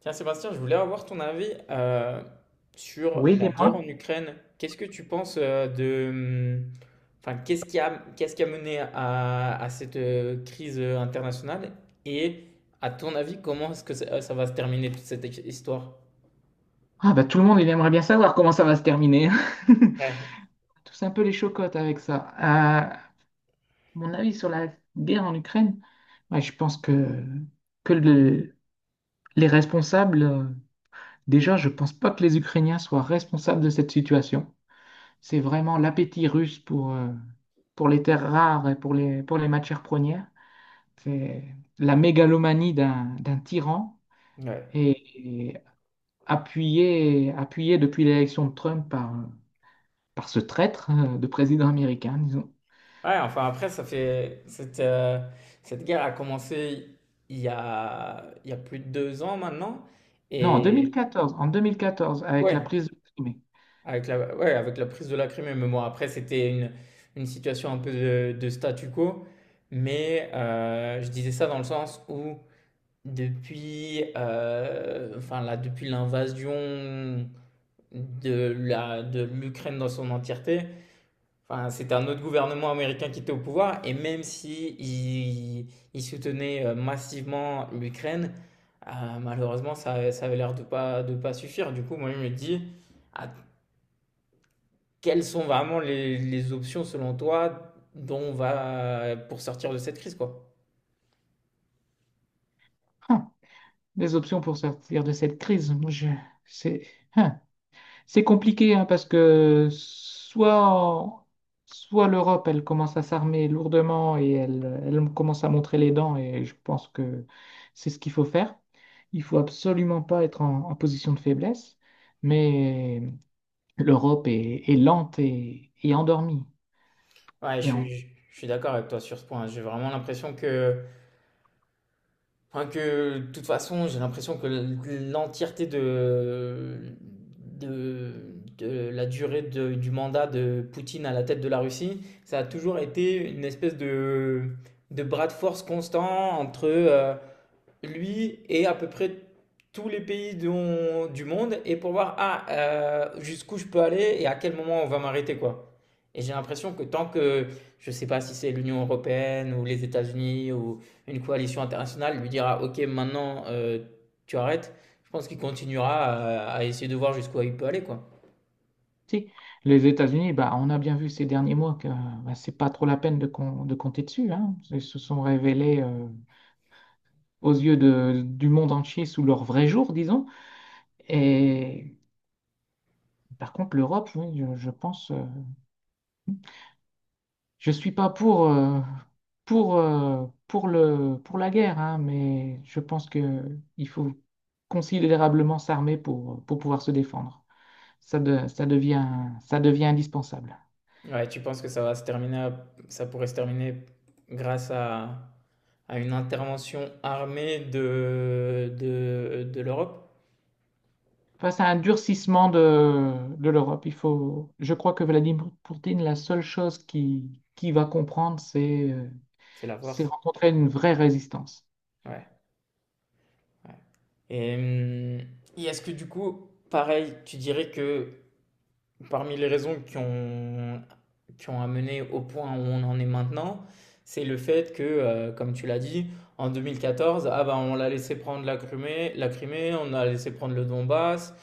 Tiens, Sébastien, je voulais avoir ton avis sur Oui, la guerre en dis-moi. Ukraine. Qu'est-ce que tu penses ? Enfin, qu'est-ce qui a mené à cette crise internationale? Et à ton avis, comment est-ce que ça va se terminer toute cette histoire? Ah bah tout le monde, il aimerait bien savoir comment ça va se terminer. Ouais. Tous un peu les chocottes avec ça. Mon avis sur la guerre en Ukraine, ouais, je pense que, que les responsables, déjà, je pense pas que les Ukrainiens soient responsables de cette situation. C'est vraiment l'appétit russe pour les terres rares et pour les matières premières. C'est la mégalomanie d'un tyran Ouais. Et appuyée depuis l'élection de Trump par... par ce traître de président américain, disons. Ouais, enfin après, ça fait... Cette guerre a commencé il y a plus de 2 ans maintenant. Non, en Et... 2014, en 2014, avec la Ouais. prise de Crimée. Avec la ouais, avec la prise de la Crimée, mais bon, après, c'était une situation un peu de statu quo, mais je disais ça dans le sens où depuis, enfin, là, depuis l'invasion de l'Ukraine dans son entièreté. Enfin, c'était un autre gouvernement américain qui était au pouvoir, et même si il soutenait, massivement l'Ukraine, heu, malheureusement, ça avait l'air de pas suffire. Du coup, moi, je me dis: «Att» Quelles sont vraiment les options selon toi dont on va pour sortir de cette crise, quoi? Hein, les options pour sortir de cette crise, moi, c'est hein, c'est compliqué hein, parce que soit, soit l'Europe, elle commence à s'armer lourdement et elle, elle commence à montrer les dents et je pense que c'est ce qu'il faut faire. Il faut absolument pas être en, en position de faiblesse, mais l'Europe est, est lente et endormie. Ouais, je Et en suis, je je suis d'accord avec toi sur ce point. J'ai vraiment l'impression que, enfin, que de toute façon, j'ai l'impression que l'entièreté de, de la durée du mandat de Poutine à la tête de la Russie, ça a toujours été une espèce de bras de force constant entre lui et à peu près tous les pays du monde, et pour voir ah, jusqu'où je peux aller et à quel moment on va m'arrêter, quoi. Et j'ai l'impression que tant que, je ne sais pas si c'est l'Union européenne ou les États-Unis ou une coalition internationale, lui dira OK, maintenant tu arrêtes, je pense qu'il continuera à essayer de voir jusqu'où il peut aller, quoi. Si, les États-Unis, bah, on a bien vu ces derniers mois que bah, c'est pas trop la peine de, de compter dessus, hein. Ils se sont révélés aux yeux du monde entier sous leur vrai jour, disons. Et par contre, l'Europe, oui, je pense, je suis pas pour, pour le, pour la guerre, hein, mais je pense que il faut considérablement s'armer pour pouvoir se défendre. Ça, ça devient indispensable. Ouais, tu penses que ça va se terminer, ça pourrait se terminer grâce à une intervention armée de l'Europe? Face à un durcissement de l'Europe. Il faut, je crois que Vladimir Poutine, la seule chose qui va comprendre, C'est la c'est force. rencontrer une vraie résistance. Ouais, ouais. Et, hum, et est-ce que du coup, pareil, tu dirais que parmi les raisons qui ont amené au point où on en est maintenant, c'est le fait que, comme tu l'as dit, en 2014, ah bah, on l'a laissé prendre la Crimée, on a laissé prendre le Donbass,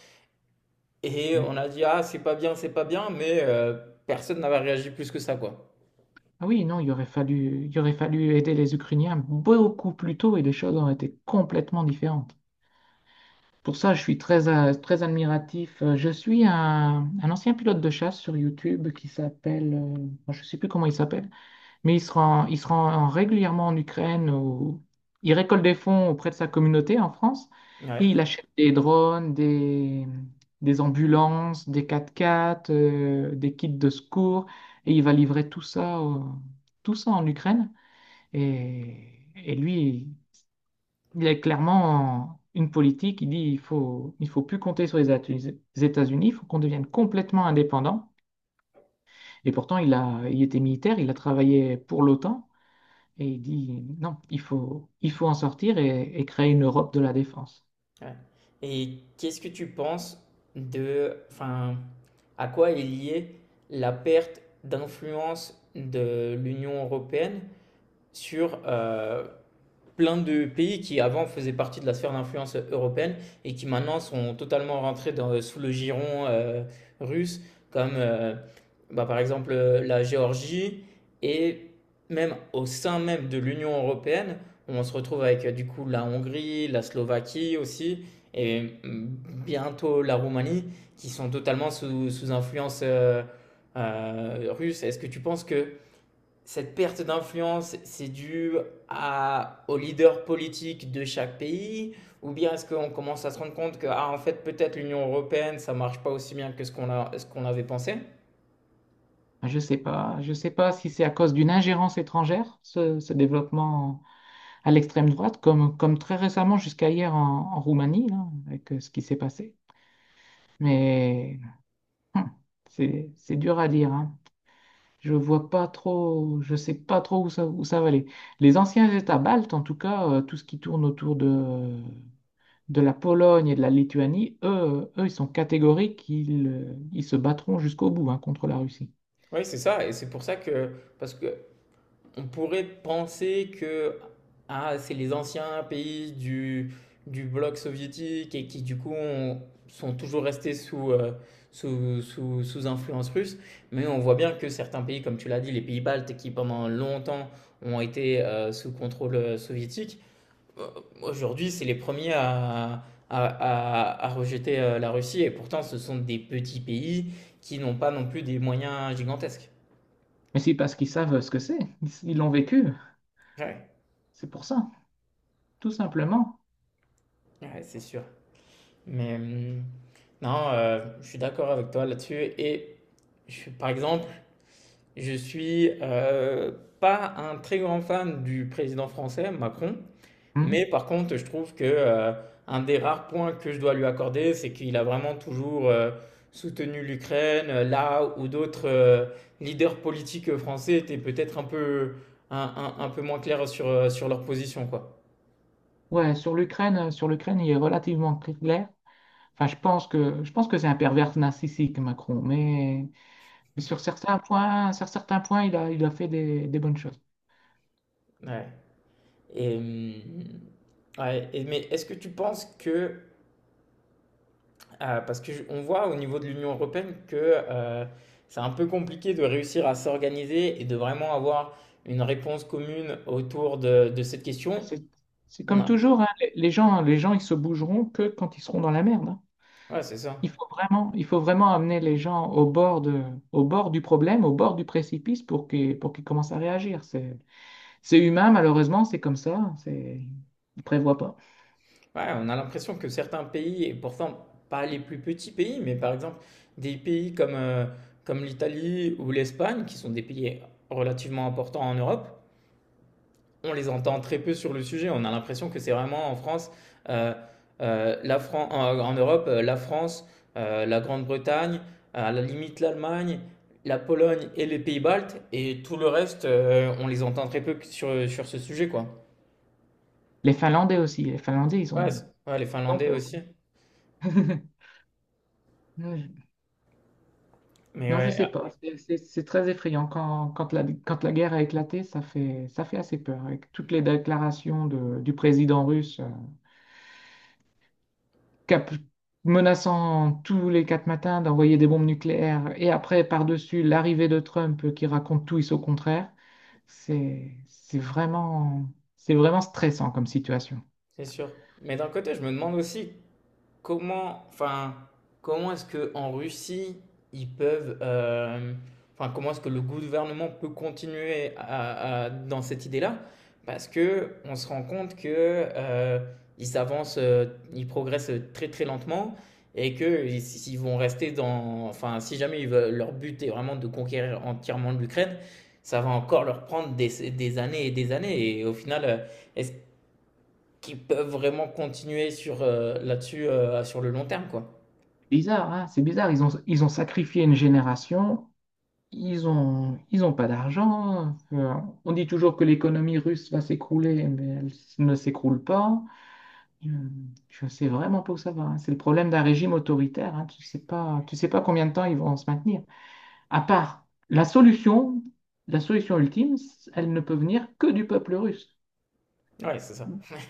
et Mm. on a dit, ah, c'est pas bien, mais personne n'avait réagi plus que ça, quoi. Ah oui, non, il aurait fallu aider les Ukrainiens beaucoup plus tôt et les choses auraient été complètement différentes. Pour ça, je suis très, très admiratif. Je suis un ancien pilote de chasse sur YouTube qui s'appelle, bon, je ne sais plus comment il s'appelle, mais il se rend régulièrement en Ukraine, où il récolte des fonds auprès de sa communauté en France Ouais. et il achète des drones, des ambulances, des 4x4, des kits de secours et il va livrer tout ça en Ukraine. Et lui, il y a clairement une politique qui dit il faut plus compter sur les les États-Unis, il faut qu'on devienne complètement indépendant. Et pourtant, il a, il était militaire, il a travaillé pour l'OTAN et il dit non, il faut en sortir et créer une Europe de la défense. Ouais. Et qu'est-ce que tu penses de, enfin, à quoi est liée la perte d'influence de l'Union européenne sur plein de pays qui avant faisaient partie de la sphère d'influence européenne et qui maintenant sont totalement rentrés dans, sous le giron russe, comme bah, par exemple la Géorgie, et même au sein même de l'Union européenne, on se retrouve avec du coup la Hongrie, la Slovaquie aussi, et bientôt la Roumanie, qui sont totalement sous, sous influence russe. Est-ce que tu penses que cette perte d'influence, c'est dû aux leaders politiques de chaque pays? Ou bien est-ce qu'on commence à se rendre compte que, ah, en fait, peut-être l'Union européenne, ça ne marche pas aussi bien que ce qu'on avait pensé? Je sais pas si c'est à cause d'une ingérence étrangère, ce développement à l'extrême droite, comme, comme très récemment jusqu'à hier en, en Roumanie, là, avec ce qui s'est passé. Mais hum, c'est dur à dire, hein. Je vois pas trop, je sais pas trop où ça va aller. Les anciens États baltes, en tout cas, tout ce qui tourne autour de la Pologne et de la Lituanie, eux, eux, ils sont catégoriques, ils, ils se battront jusqu'au bout, hein, contre la Russie. Oui, c'est ça. Et c'est pour ça que, parce que on pourrait penser que ah, c'est les anciens pays du bloc soviétique, et qui du coup sont toujours restés sous, sous influence russe. Mais on voit bien que certains pays, comme tu l'as dit, les pays baltes qui pendant longtemps ont été sous contrôle soviétique, euh, aujourd'hui c'est les premiers à rejeter la Russie. Et pourtant ce sont des petits pays qui n'ont pas non plus des moyens gigantesques. Mais c'est parce qu'ils savent ce que c'est, ils l'ont vécu, Ouais, c'est pour ça, tout simplement. ouais, c'est sûr. Mais... non, je suis d'accord avec toi là-dessus. Et par exemple, je suis pas un très grand fan du président français, Macron. Mais Hmm. par contre, je trouve que un des rares points que je dois lui accorder, c'est qu'il a vraiment toujours soutenu l'Ukraine, là où d'autres leaders politiques français étaient peut-être un peu, un peu moins clairs sur, sur leur position, quoi. Ouais, sur l'Ukraine, il est relativement clair. Enfin, je pense que c'est un pervers narcissique, Macron, mais sur certains points, il a fait des bonnes choses. Ouais. Et, ouais. Mais est-ce que tu penses que… parce qu'on voit au niveau de l'Union européenne que euh, c'est un peu compliqué de réussir à s'organiser et de vraiment avoir une réponse commune autour de cette Bah, question. c'est On comme a, toujours, hein, les gens, les gens, ils se bougeront que quand ils seront dans la merde, hein. ouais, c'est ça. Il faut vraiment amener les gens au bord de, au bord du problème, au bord du précipice pour qu'ils commencent à réagir. C'est humain, malheureusement, c'est comme ça. C'est, ils prévoient pas. Ouais, on a l'impression que certains pays, et pourtant pas les plus petits pays, mais par exemple des pays comme, comme l'Italie ou l'Espagne, qui sont des pays relativement importants en Europe, on les entend très peu sur le sujet. On a l'impression que c'est vraiment en France, euh, en Europe, la France, la Grande-Bretagne, à la limite l'Allemagne, la Pologne et les Pays-Baltes, et tout le reste, on les entend très peu sur, sur ce sujet, quoi. Les Finlandais aussi, les Finlandais, Ouais, ouais, les ils ont Finlandais peur. aussi. Mais Non, je ouais, sais ah, pas. C'est très effrayant. Quand, quand la guerre a éclaté, ça fait assez peur. Avec toutes les déclarations du président russe, cap- menaçant tous les quatre matins d'envoyer des bombes nucléaires, et après, par-dessus, l'arrivée de Trump qui raconte tout et son contraire, c'est vraiment, c'est vraiment stressant comme situation. c'est sûr. Mais d'un côté, je me demande aussi comment, enfin, comment est-ce que en Russie ils peuvent, enfin, comment est-ce que le gouvernement peut continuer dans cette idée-là? Parce que on se rend compte que ils avancent, ils progressent très très lentement, et que s'ils vont rester dans, enfin, si jamais ils leur but est vraiment de conquérir entièrement l'Ukraine, ça va encore leur prendre des années. Et au final, est-ce qui peuvent vraiment continuer sur là-dessus sur le long terme, quoi. Bizarre, hein, c'est bizarre. Ils ont sacrifié une génération. Ils ont pas d'argent. On dit toujours que l'économie russe va s'écrouler, mais elle ne s'écroule pas. Euh, Je sais vraiment pas où ça va, hein. C'est le problème d'un régime autoritaire, hein. Tu sais pas combien de temps ils vont se maintenir. À part la solution ultime, elle ne peut venir que du peuple russe. Ouais, c'est ça.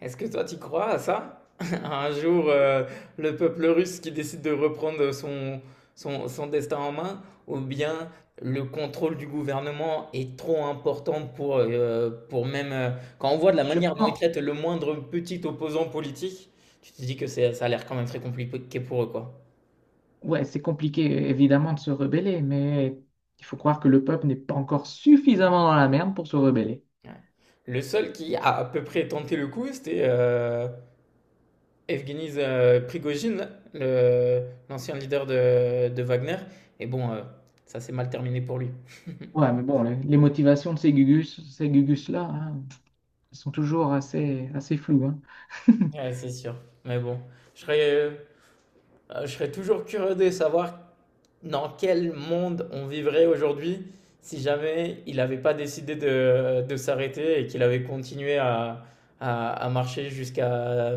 Est-ce que toi, tu crois à ça? Un jour, le peuple russe qui décide de reprendre son, son, son destin en main, ou bien le contrôle du gouvernement est trop important pour même... quand on voit de la Je manière dont pense, ils traitent le moindre petit opposant politique, tu te dis que ça a l'air quand même très compliqué pour eux, quoi. ouais, c'est compliqué évidemment de se rebeller, mais il faut croire que le peuple n'est pas encore suffisamment dans la merde pour se rebeller. Ouais. Le seul qui a à peu près tenté le coup, c'était Evgeny Prigogine, le- l'ancien leader de Wagner. Et bon, ça s'est mal terminé pour lui. Ouais, mais bon, les motivations de ces Gugus, ces Gugus-là, hein, elles sont toujours assez, assez floues, hein. Ouais, c'est sûr. Mais bon, je serais, euh, je serais toujours curieux de savoir dans quel monde on vivrait aujourd'hui si jamais il n'avait pas décidé de s'arrêter et qu'il avait continué à marcher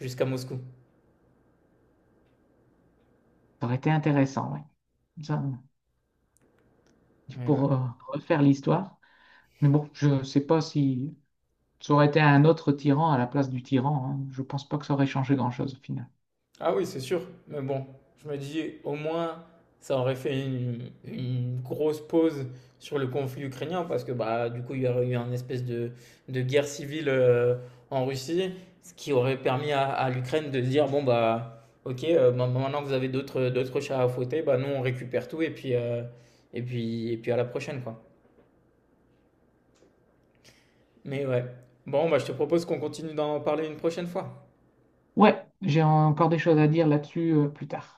jusqu'à Moscou. Ça aurait été intéressant, ouais. Ça, Ouais, ouais. pour refaire l'histoire. Mais bon, je ne sais pas si ça aurait été un autre tyran à la place du tyran, hein. Je pense pas que ça aurait changé grand-chose au final. Ah oui, c'est sûr. Mais bon, je me dis, au moins, ça aurait fait une grosse pause sur le conflit ukrainien, parce que bah, du coup, il y aurait eu une espèce de guerre civile en Russie, ce qui aurait permis à l'Ukraine de dire, bon, bah, ok, bah, bah, maintenant que vous avez d'autres, d'autres chats à fouetter, bah, nous, on récupère tout, et puis, et puis à la prochaine, quoi. Mais ouais. Bon, bah, je te propose qu'on continue d'en parler une prochaine fois. Ouais, j'ai encore des choses à dire là-dessus plus tard.